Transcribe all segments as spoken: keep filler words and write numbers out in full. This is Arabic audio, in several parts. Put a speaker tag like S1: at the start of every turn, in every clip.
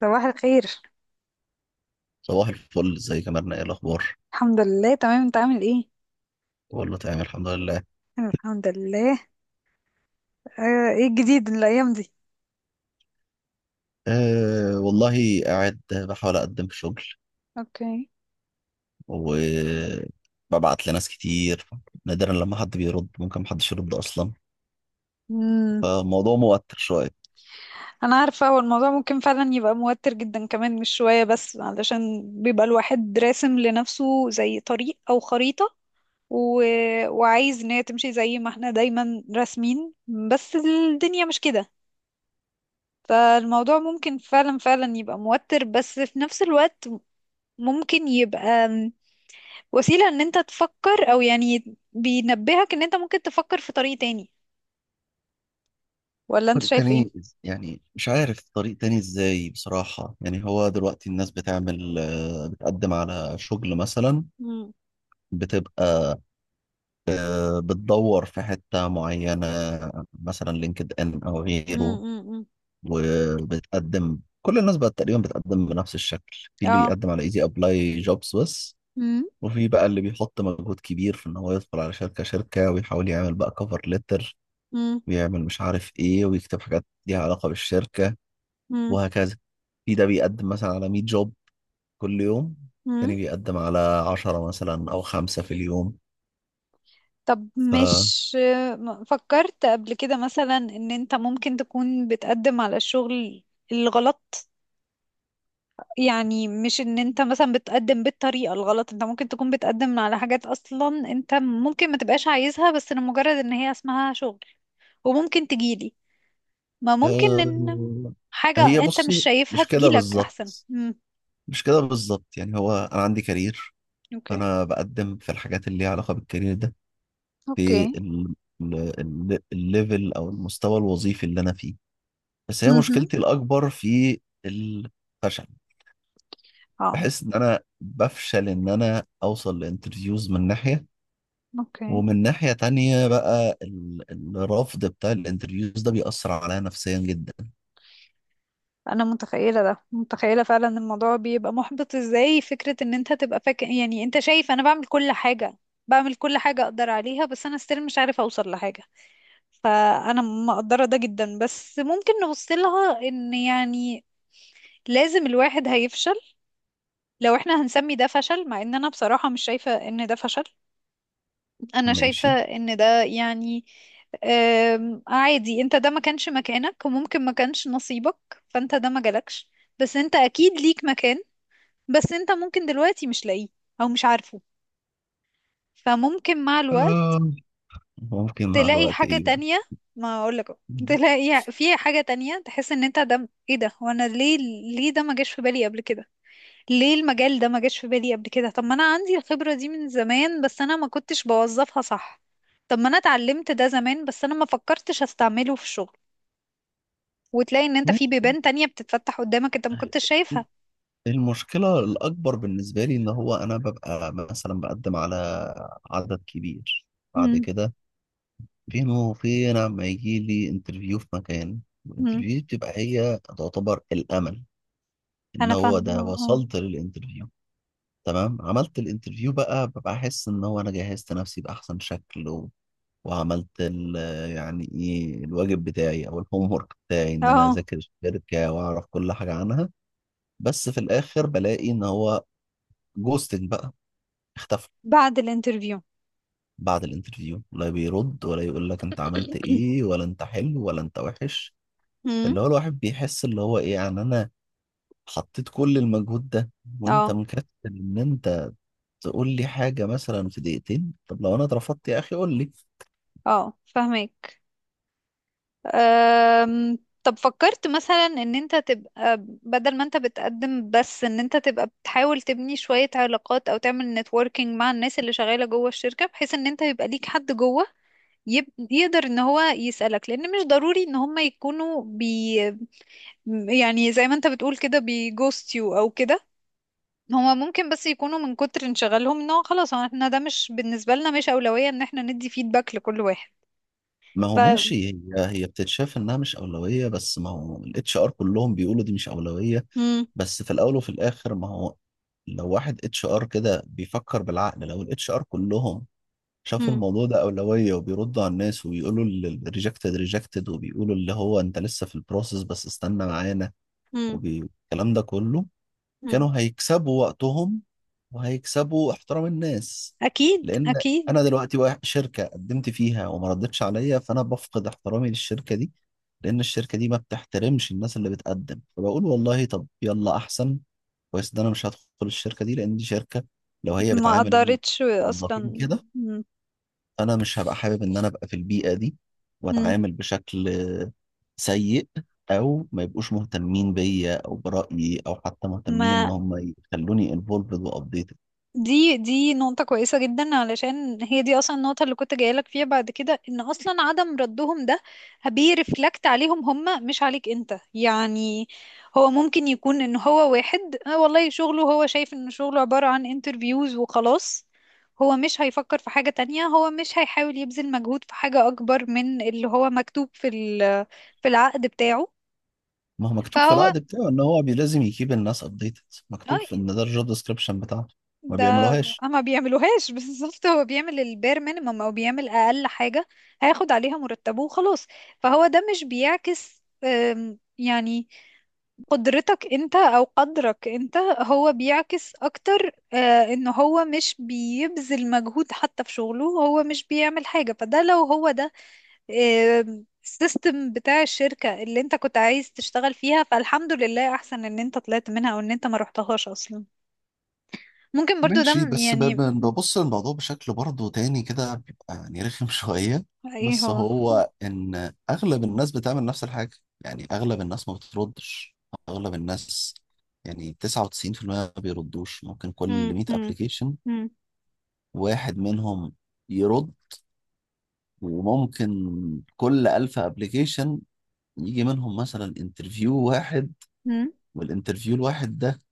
S1: صباح الخير.
S2: صباح الفل، ازيك يا مرنة؟ ايه الاخبار؟
S1: الحمد لله، تمام. انت عامل ايه؟
S2: والله تمام الحمد لله.
S1: انا الحمد لله. اه، ايه الجديد الايام دي؟
S2: أه والله قاعد بحاول اقدم في شغل
S1: اوكي.
S2: وببعت لناس كتير. نادرا لما حد بيرد، ممكن محدش يرد اصلا،
S1: امم.
S2: فالموضوع موتر شوية.
S1: انا عارفه، هو الموضوع ممكن فعلا يبقى موتر جدا كمان، مش شويه، بس علشان بيبقى الواحد راسم لنفسه زي طريق او خريطه و... وعايز ان هي تمشي زي ما احنا دايما راسمين. بس الدنيا مش كده. فالموضوع ممكن فعلا فعلا يبقى موتر، بس في نفس الوقت ممكن يبقى وسيلة ان انت تفكر، او يعني بينبهك ان انت ممكن تفكر في طريق تاني. ولا انت
S2: طريق
S1: شايف ايه؟
S2: تاني إز- يعني مش عارف طريق تاني ازاي بصراحة. يعني هو دلوقتي الناس بتعمل، آه، بتقدم على شغل مثلا،
S1: مم.
S2: بتبقى، آه، بتدور في حتة معينة، مثلا لينكد ان او
S1: مم.
S2: غيره.
S1: مم. مم.
S2: وبتقدم كل الناس بقت تقريبا بتقدم بنفس الشكل، في اللي
S1: اه.
S2: بيقدم على ايزي ابلاي جوبز بس،
S1: مم.
S2: وفي بقى اللي بيحط مجهود كبير في ان هو يدخل على شركة شركة ويحاول يعمل بقى كفر ليتر،
S1: مم.
S2: ويعمل مش عارف ايه، ويكتب حاجات ليها علاقة بالشركة،
S1: مم.
S2: وهكذا. في ده بيقدم مثلا على 100 جوب كل يوم،
S1: مم.
S2: تاني بيقدم على عشرة مثلا او خمسة في اليوم.
S1: طب،
S2: ف
S1: مش م- فكرت قبل كده مثلا ان انت ممكن تكون بتقدم على الشغل الغلط؟ يعني مش ان انت مثلا بتقدم بالطريقة الغلط، انت ممكن تكون بتقدم على حاجات اصلا انت ممكن ما تبقاش عايزها، بس لمجرد ان هي اسمها شغل. وممكن تجيلي. ما ممكن ان
S2: آه، هي
S1: حاجة انت مش
S2: بصي،
S1: شايفها
S2: مش كده
S1: تجيلك احسن.
S2: بالظبط،
S1: امم.
S2: مش كده بالظبط، يعني هو انا عندي كارير،
S1: اوكي.
S2: فانا بقدم في الحاجات اللي ليها علاقه بالكارير ده،
S1: اوكي.
S2: في ال- ال- ال- الليفل او المستوى الوظيفي اللي انا فيه. بس هي
S1: امم.
S2: مشكلتي الاكبر في الفشل،
S1: اه.
S2: بحس ان انا بفشل ان انا اوصل لانترفيوز من ناحيه،
S1: اوكي.
S2: ومن ناحيه تانية بقى ال- الرفض بتاع الانترفيوز ده بيأثر عليا نفسيا جدا.
S1: انا متخيلة ده، متخيلة فعلا إن الموضوع بيبقى محبط ازاي. فكرة ان انت تبقى فاكر، يعني انت شايف انا بعمل كل حاجة، بعمل كل حاجة اقدر عليها، بس انا استيل مش عارفة اوصل لحاجة. فانا مقدرة ده جدا، بس ممكن نبص لها ان يعني لازم الواحد هيفشل. لو احنا هنسمي ده فشل، مع ان انا بصراحة مش شايفة ان ده فشل. انا شايفة
S2: ماشي.
S1: ان ده يعني آم، عادي، انت ده ما كانش مكانك، وممكن ما كانش نصيبك، فانت ده ما جالكش. بس انت اكيد ليك مكان، بس انت ممكن دلوقتي مش لاقيه او مش عارفه. فممكن مع الوقت
S2: آه، ممكن مع
S1: تلاقي
S2: الوقت
S1: حاجة
S2: ايه بقى؟
S1: تانية. ما اقولك أهو، تلاقي في حاجة تانية تحس ان انت ده ايه ده وانا ليه. ليه ده ما جاش في بالي قبل كده؟ ليه المجال ده ما جاش في بالي قبل كده؟ طب ما انا عندي الخبرة دي من زمان بس انا ما كنتش بوظفها صح. طب ما انا اتعلمت ده زمان بس انا ما فكرتش استعمله في الشغل. وتلاقي ان انت في بيبان تانية بتتفتح قدامك انت ما
S2: ماشي.
S1: كنتش شايفها.
S2: المشكلة الأكبر بالنسبة لي إن هو أنا ببقى مثلا بقدم على عدد كبير، بعد
S1: امم.
S2: كده فين وفين لما يجي لي انترفيو في مكان،
S1: امم.
S2: الانترفيو بتبقى هي تعتبر الأمل، إن
S1: انا
S2: هو ده
S1: فاهمة.
S2: وصلت للانترفيو. تمام، عملت الانترفيو بقى، ببقى أحس إن هو أنا جهزت نفسي بأحسن شكل، و... وعملت ال... يعني إيه الواجب بتاعي أو الهوم ورك بتاعي،
S1: اه،
S2: إن أنا
S1: اه.
S2: أذاكر الشركة وأعرف كل حاجة عنها. بس في الآخر بلاقي إن هو جوستنج بقى، اختفى
S1: بعد الانترفيو؟
S2: بعد الانترفيو، لا بيرد ولا يقول لك انت عملت ايه ولا انت حلو ولا انت وحش.
S1: امم.
S2: اللي هو الواحد بيحس اللي هو ايه؟ يعني انا حطيت كل المجهود ده وانت
S1: اه،
S2: مكسل ان انت تقول لي حاجة مثلا في دقيقتين؟ طب لو انا اترفضت يا اخي قول لي.
S1: اه، فاهمك. أم، طب فكرت مثلا ان انت تبقى بدل ما انت بتقدم بس، ان انت تبقى بتحاول تبني شوية علاقات او تعمل نتوركينج مع الناس اللي شغالة جوه الشركة بحيث ان انت يبقى ليك حد جوه يب... يقدر ان هو يسألك، لان مش ضروري ان هم يكونوا بي يعني زي ما انت بتقول كده بيجوست يو او كده. هما ممكن بس يكونوا من كتر انشغالهم ان هو خلاص، هو احنا ده مش بالنسبة لنا مش أولوية ان احنا ندي فيدباك لكل واحد.
S2: ما
S1: ف
S2: هو ماشي، هي هي بتتشاف انها مش اولوية، بس ما هو الاتش ار كلهم بيقولوا دي مش اولوية.
S1: مم.
S2: بس في الاول وفي الاخر، ما هو لو واحد اتش ار كده بيفكر بالعقل، لو الاتش ار كلهم شافوا
S1: مم.
S2: الموضوع ده أولوية وبيردوا على الناس وبيقولوا الريجكتد ريجكتد، وبيقولوا اللي هو أنت لسه في البروسيس بس استنى معانا، والكلام ده كله،
S1: مم.
S2: كانوا هيكسبوا وقتهم وهيكسبوا احترام الناس.
S1: اكيد،
S2: لأن
S1: اكيد.
S2: أنا دلوقتي واحد شركة قدمت فيها وما ردتش عليا، فأنا بفقد احترامي للشركة دي، لأن الشركة دي ما بتحترمش الناس اللي بتقدم، فبقول والله طب يلا، أحسن كويس ده أنا مش هدخل الشركة دي، لأن دي شركة لو هي
S1: ما
S2: بتعامل
S1: قدرتش اصلا.
S2: الموظفين كده،
S1: م-
S2: انا مش هبقى حابب ان انا ابقى في البيئه دي
S1: م-
S2: واتعامل بشكل سيء، او ما يبقوش مهتمين بيا او برايي، او حتى مهتمين ان
S1: ما
S2: هم يخلوني انفولفد وابديتد.
S1: دي دي نقطة كويسة جدا علشان هي دي اصلا النقطة اللي كنت جايلك فيها بعد كده، ان اصلا عدم ردهم ده بيرفلكت عليهم هم مش عليك انت يعني. هو ممكن يكون ان هو واحد آه والله شغله، هو شايف ان شغله عبارة عن انترفيوز وخلاص. هو مش هيفكر في حاجة تانية، هو مش هيحاول يبذل مجهود في حاجة اكبر من اللي هو مكتوب في ال- في العقد بتاعه.
S2: ما هو مكتوب في
S1: فهو.
S2: العقد بتاعه ان هو بي- لازم يكيب الناس ابديتد، مكتوب في
S1: اي.
S2: ان ده الجوب ديسكربشن بتاعته، ما
S1: ده.
S2: بيعملوهاش.
S1: اما بيعملوهاش بالظبط، هو بيعمل البير مينيمم او بيعمل اقل حاجة. هياخد عليها مرتبه وخلاص. فهو ده مش بيعكس أم، يعني قدرتك انت او قدرك انت، هو بيعكس اكتر آه، ان هو مش بيبذل مجهود حتى في شغله، هو مش بيعمل حاجة. فده لو هو ده آم، السيستم بتاع الشركة اللي انت كنت عايز تشتغل فيها، فالحمد لله احسن ان انت طلعت منها او ان انت ما رحتهاش اصلا. ممكن برضو ده
S2: ماشي،
S1: م-
S2: بس ب-
S1: يعني.
S2: ب- ببص للموضوع بشكل برضه تاني كده، بيبقى يعني رخم شوية.
S1: ايه
S2: بس
S1: هو؟
S2: هو إن أغلب الناس بتعمل نفس الحاجة، يعني أغلب الناس ما بتردش، أغلب الناس يعني تسع وتسعين في المية ما بيردوش، ممكن
S1: مم.
S2: كل 100
S1: مم.
S2: أبليكيشن
S1: مم.
S2: واحد منهم يرد، وممكن كل 1000 أبليكيشن يجي منهم مثلا انترفيو واحد،
S1: مم.
S2: والانترفيو الواحد ده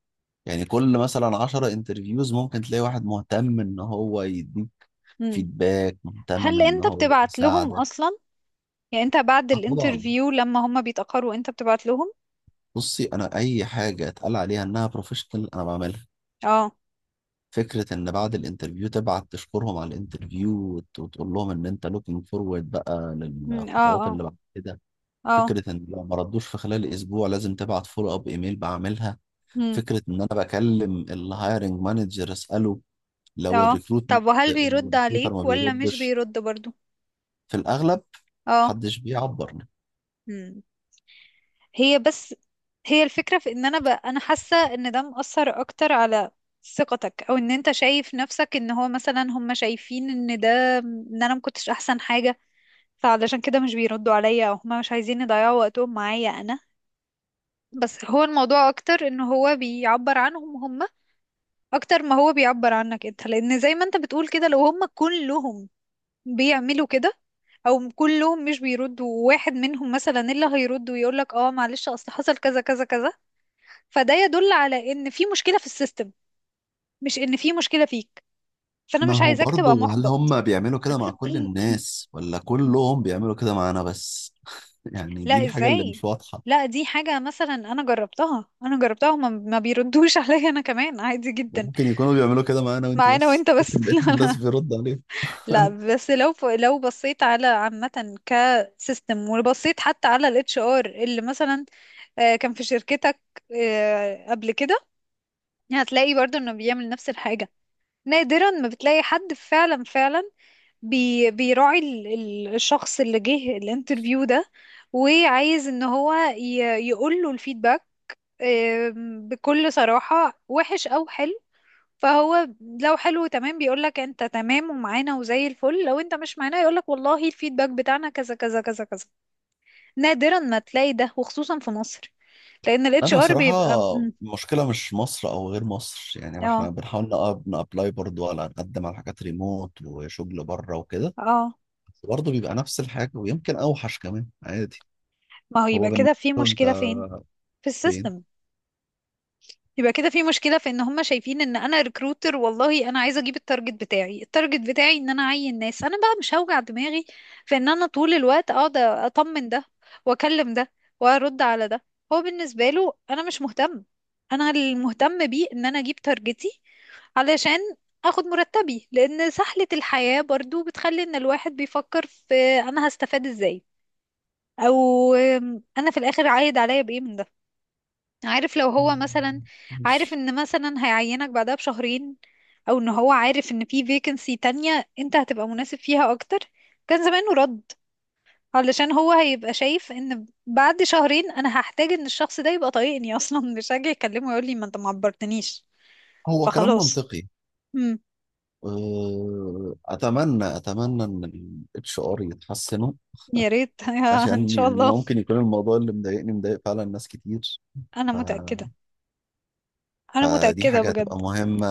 S2: يعني كل مثلا 10 انترفيوز ممكن تلاقي واحد مهتم ان هو يديك
S1: مم.
S2: فيدباك، مهتم
S1: هل
S2: ان
S1: انت
S2: هو
S1: بتبعت لهم
S2: يساعدك.
S1: اصلا؟ يعني انت بعد
S2: اه طبعا.
S1: الانترفيو لما هم بيتأخروا، انت بتبعت لهم؟
S2: بصي انا اي حاجه اتقال عليها انها بروفيشنال انا بعملها.
S1: اه.
S2: فكره ان بعد الانترفيو تبعت تشكرهم على الانترفيو وت- وتقول لهم ان انت لوكينج فورورد بقى
S1: مم. اه،
S2: للخطوات
S1: اه،
S2: اللي بعد كده،
S1: اه.
S2: فكره ان لو ما ردوش في خلال اسبوع لازم تبعت فولو اب ايميل بعملها،
S1: مم.
S2: فكره ان انا بكلم الهايرنج مانجر اساله لو
S1: اه.
S2: الريكروت
S1: طب وهل بيرد
S2: الريكروتر ما
S1: عليك ولا مش
S2: بيردش
S1: بيرد برضو؟
S2: في الاغلب،
S1: اه.
S2: محدش بيعبر.
S1: مم. هي بس، هي الفكرة في ان انا، ب... انا حاسة ان ده مؤثر اكتر على ثقتك، او ان انت شايف نفسك ان هو مثلا هم شايفين ان ده، ان انا مكنتش احسن حاجة، فعلشان كده مش بيردوا عليا، او هما مش عايزين يضيعوا وقتهم معايا انا. بس هو الموضوع اكتر ان هو بيعبر عنهم هما اكتر ما هو بيعبر عنك انت، لان زي ما انت بتقول كده، لو هما كلهم بيعملوا كده او كلهم مش بيردوا، واحد منهم مثلا اللي هيرد ويقولك اه معلش اصل حصل كذا كذا كذا، فده يدل على ان في مشكلة في السيستم، مش ان في مشكلة فيك. فانا
S2: ما
S1: مش
S2: هو
S1: عايزاك تبقى
S2: برضه، هل
S1: محبط.
S2: هم بيعملوا كده مع كل الناس ولا كلهم بيعملوا كده معانا بس؟ يعني دي
S1: لا،
S2: الحاجة اللي
S1: ازاي؟
S2: مش واضحة،
S1: لا، دي حاجة مثلا انا جربتها، انا جربتها. هما ما بيردوش عليا انا كمان، عادي جدا.
S2: ممكن يكونوا بيعملوا كده معانا وانت
S1: معانا
S2: بس،
S1: وانت
S2: لكن
S1: بس؟
S2: بقية
S1: لا،
S2: الناس
S1: لا.
S2: بيرد عليهم.
S1: لا بس لو ف... لو بصيت على عامة كسيستم، وبصيت حتى على الاتش ار اللي مثلا آه، كان في شركتك آه، قبل كده، هتلاقي برضو انه بيعمل نفس الحاجة. نادرا ما بتلاقي حد فعلا فعلا بي بيراعي ال- ال- الشخص اللي جه الانترفيو ده، وعايز ان هو ي- يقول له الفيدباك آم، بكل صراحة، وحش أو حلو. فهو لو حلو، تمام، بيقولك انت تمام ومعانا وزي الفل. لو انت مش معانا يقولك والله الفيدباك بتاعنا كذا كذا كذا كذا. نادرا ما تلاقي ده، وخصوصا في مصر. لأن الاتش
S2: انا
S1: ار
S2: صراحة
S1: بيبقى مم،
S2: المشكلة مش مصر او غير مصر، يعني ما احنا
S1: اه،
S2: بنحاول نقاب- نابلاي برضه على، نقدم على حاجات ريموت وشغل بره وكده،
S1: اه.
S2: بس برضه بيبقى نفس الحاجة، ويمكن اوحش كمان عادي.
S1: ما هو
S2: هو
S1: يبقى كده
S2: بالنسبة
S1: في
S2: له انت
S1: مشكلة فين؟ في
S2: فين؟
S1: السيستم. يبقى كده في مشكلة في ان هم شايفين ان انا ريكروتر، والله انا عايزة اجيب التارجت بتاعي. التارجت بتاعي ان انا اعين ناس، انا بقى مش هوجع دماغي في ان انا طول الوقت اقعد اطمن ده، واكلم ده، وارد على ده. هو بالنسبة له انا مش مهتم. انا المهتم بيه ان انا اجيب تارجتي علشان اخد مرتبي. لان سهلة الحياة برضو بتخلي ان الواحد بيفكر في انا هستفاد ازاي؟ او انا في الاخر عايد عليا بايه من ده؟ عارف لو هو مثلا عارف
S2: مش
S1: ان مثلا هيعينك بعدها بشهرين، او ان هو عارف ان في فيكنسي تانية انت هتبقى مناسب فيها اكتر، كان زمانه رد. علشان هو هيبقى شايف ان بعد شهرين انا هحتاج ان الشخص ده يبقى طايقني اصلا مش هاجي اكلمه ويقول لي ما انت ما عبرتنيش.
S2: هو كلام
S1: فخلاص.
S2: منطقي.
S1: امم.
S2: آه، اتمنى اتمنى ان الاتش ار يتحسنوا،
S1: يا ريت ان
S2: عشان
S1: شاء
S2: يعني
S1: الله.
S2: ممكن يكون الموضوع اللي مضايقني مضايق فعلا ناس كتير.
S1: انا
S2: ف...
S1: متأكدة. انا
S2: فدي
S1: متأكدة
S2: حاجه هتبقى
S1: بجد.
S2: مهمه،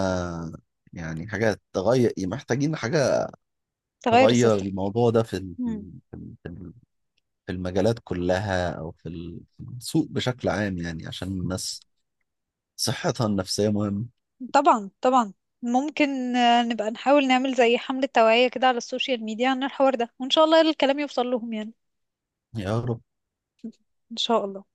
S2: يعني حاجه تغير، محتاجين حاجه
S1: تغير
S2: تغير
S1: السيستم.
S2: الموضوع ده في ال... في ال- في ال- في المجالات كلها، او في ال- في السوق بشكل عام، يعني عشان الناس صحتها النفسيه مهمه.
S1: طبعا، طبعا. ممكن آه، نبقى نحاول نعمل زي حملة توعية كده على السوشيال ميديا عن الحوار ده، وإن شاء الله الكلام يوصل لهم يعني.
S2: يا رب.
S1: إن شاء الله.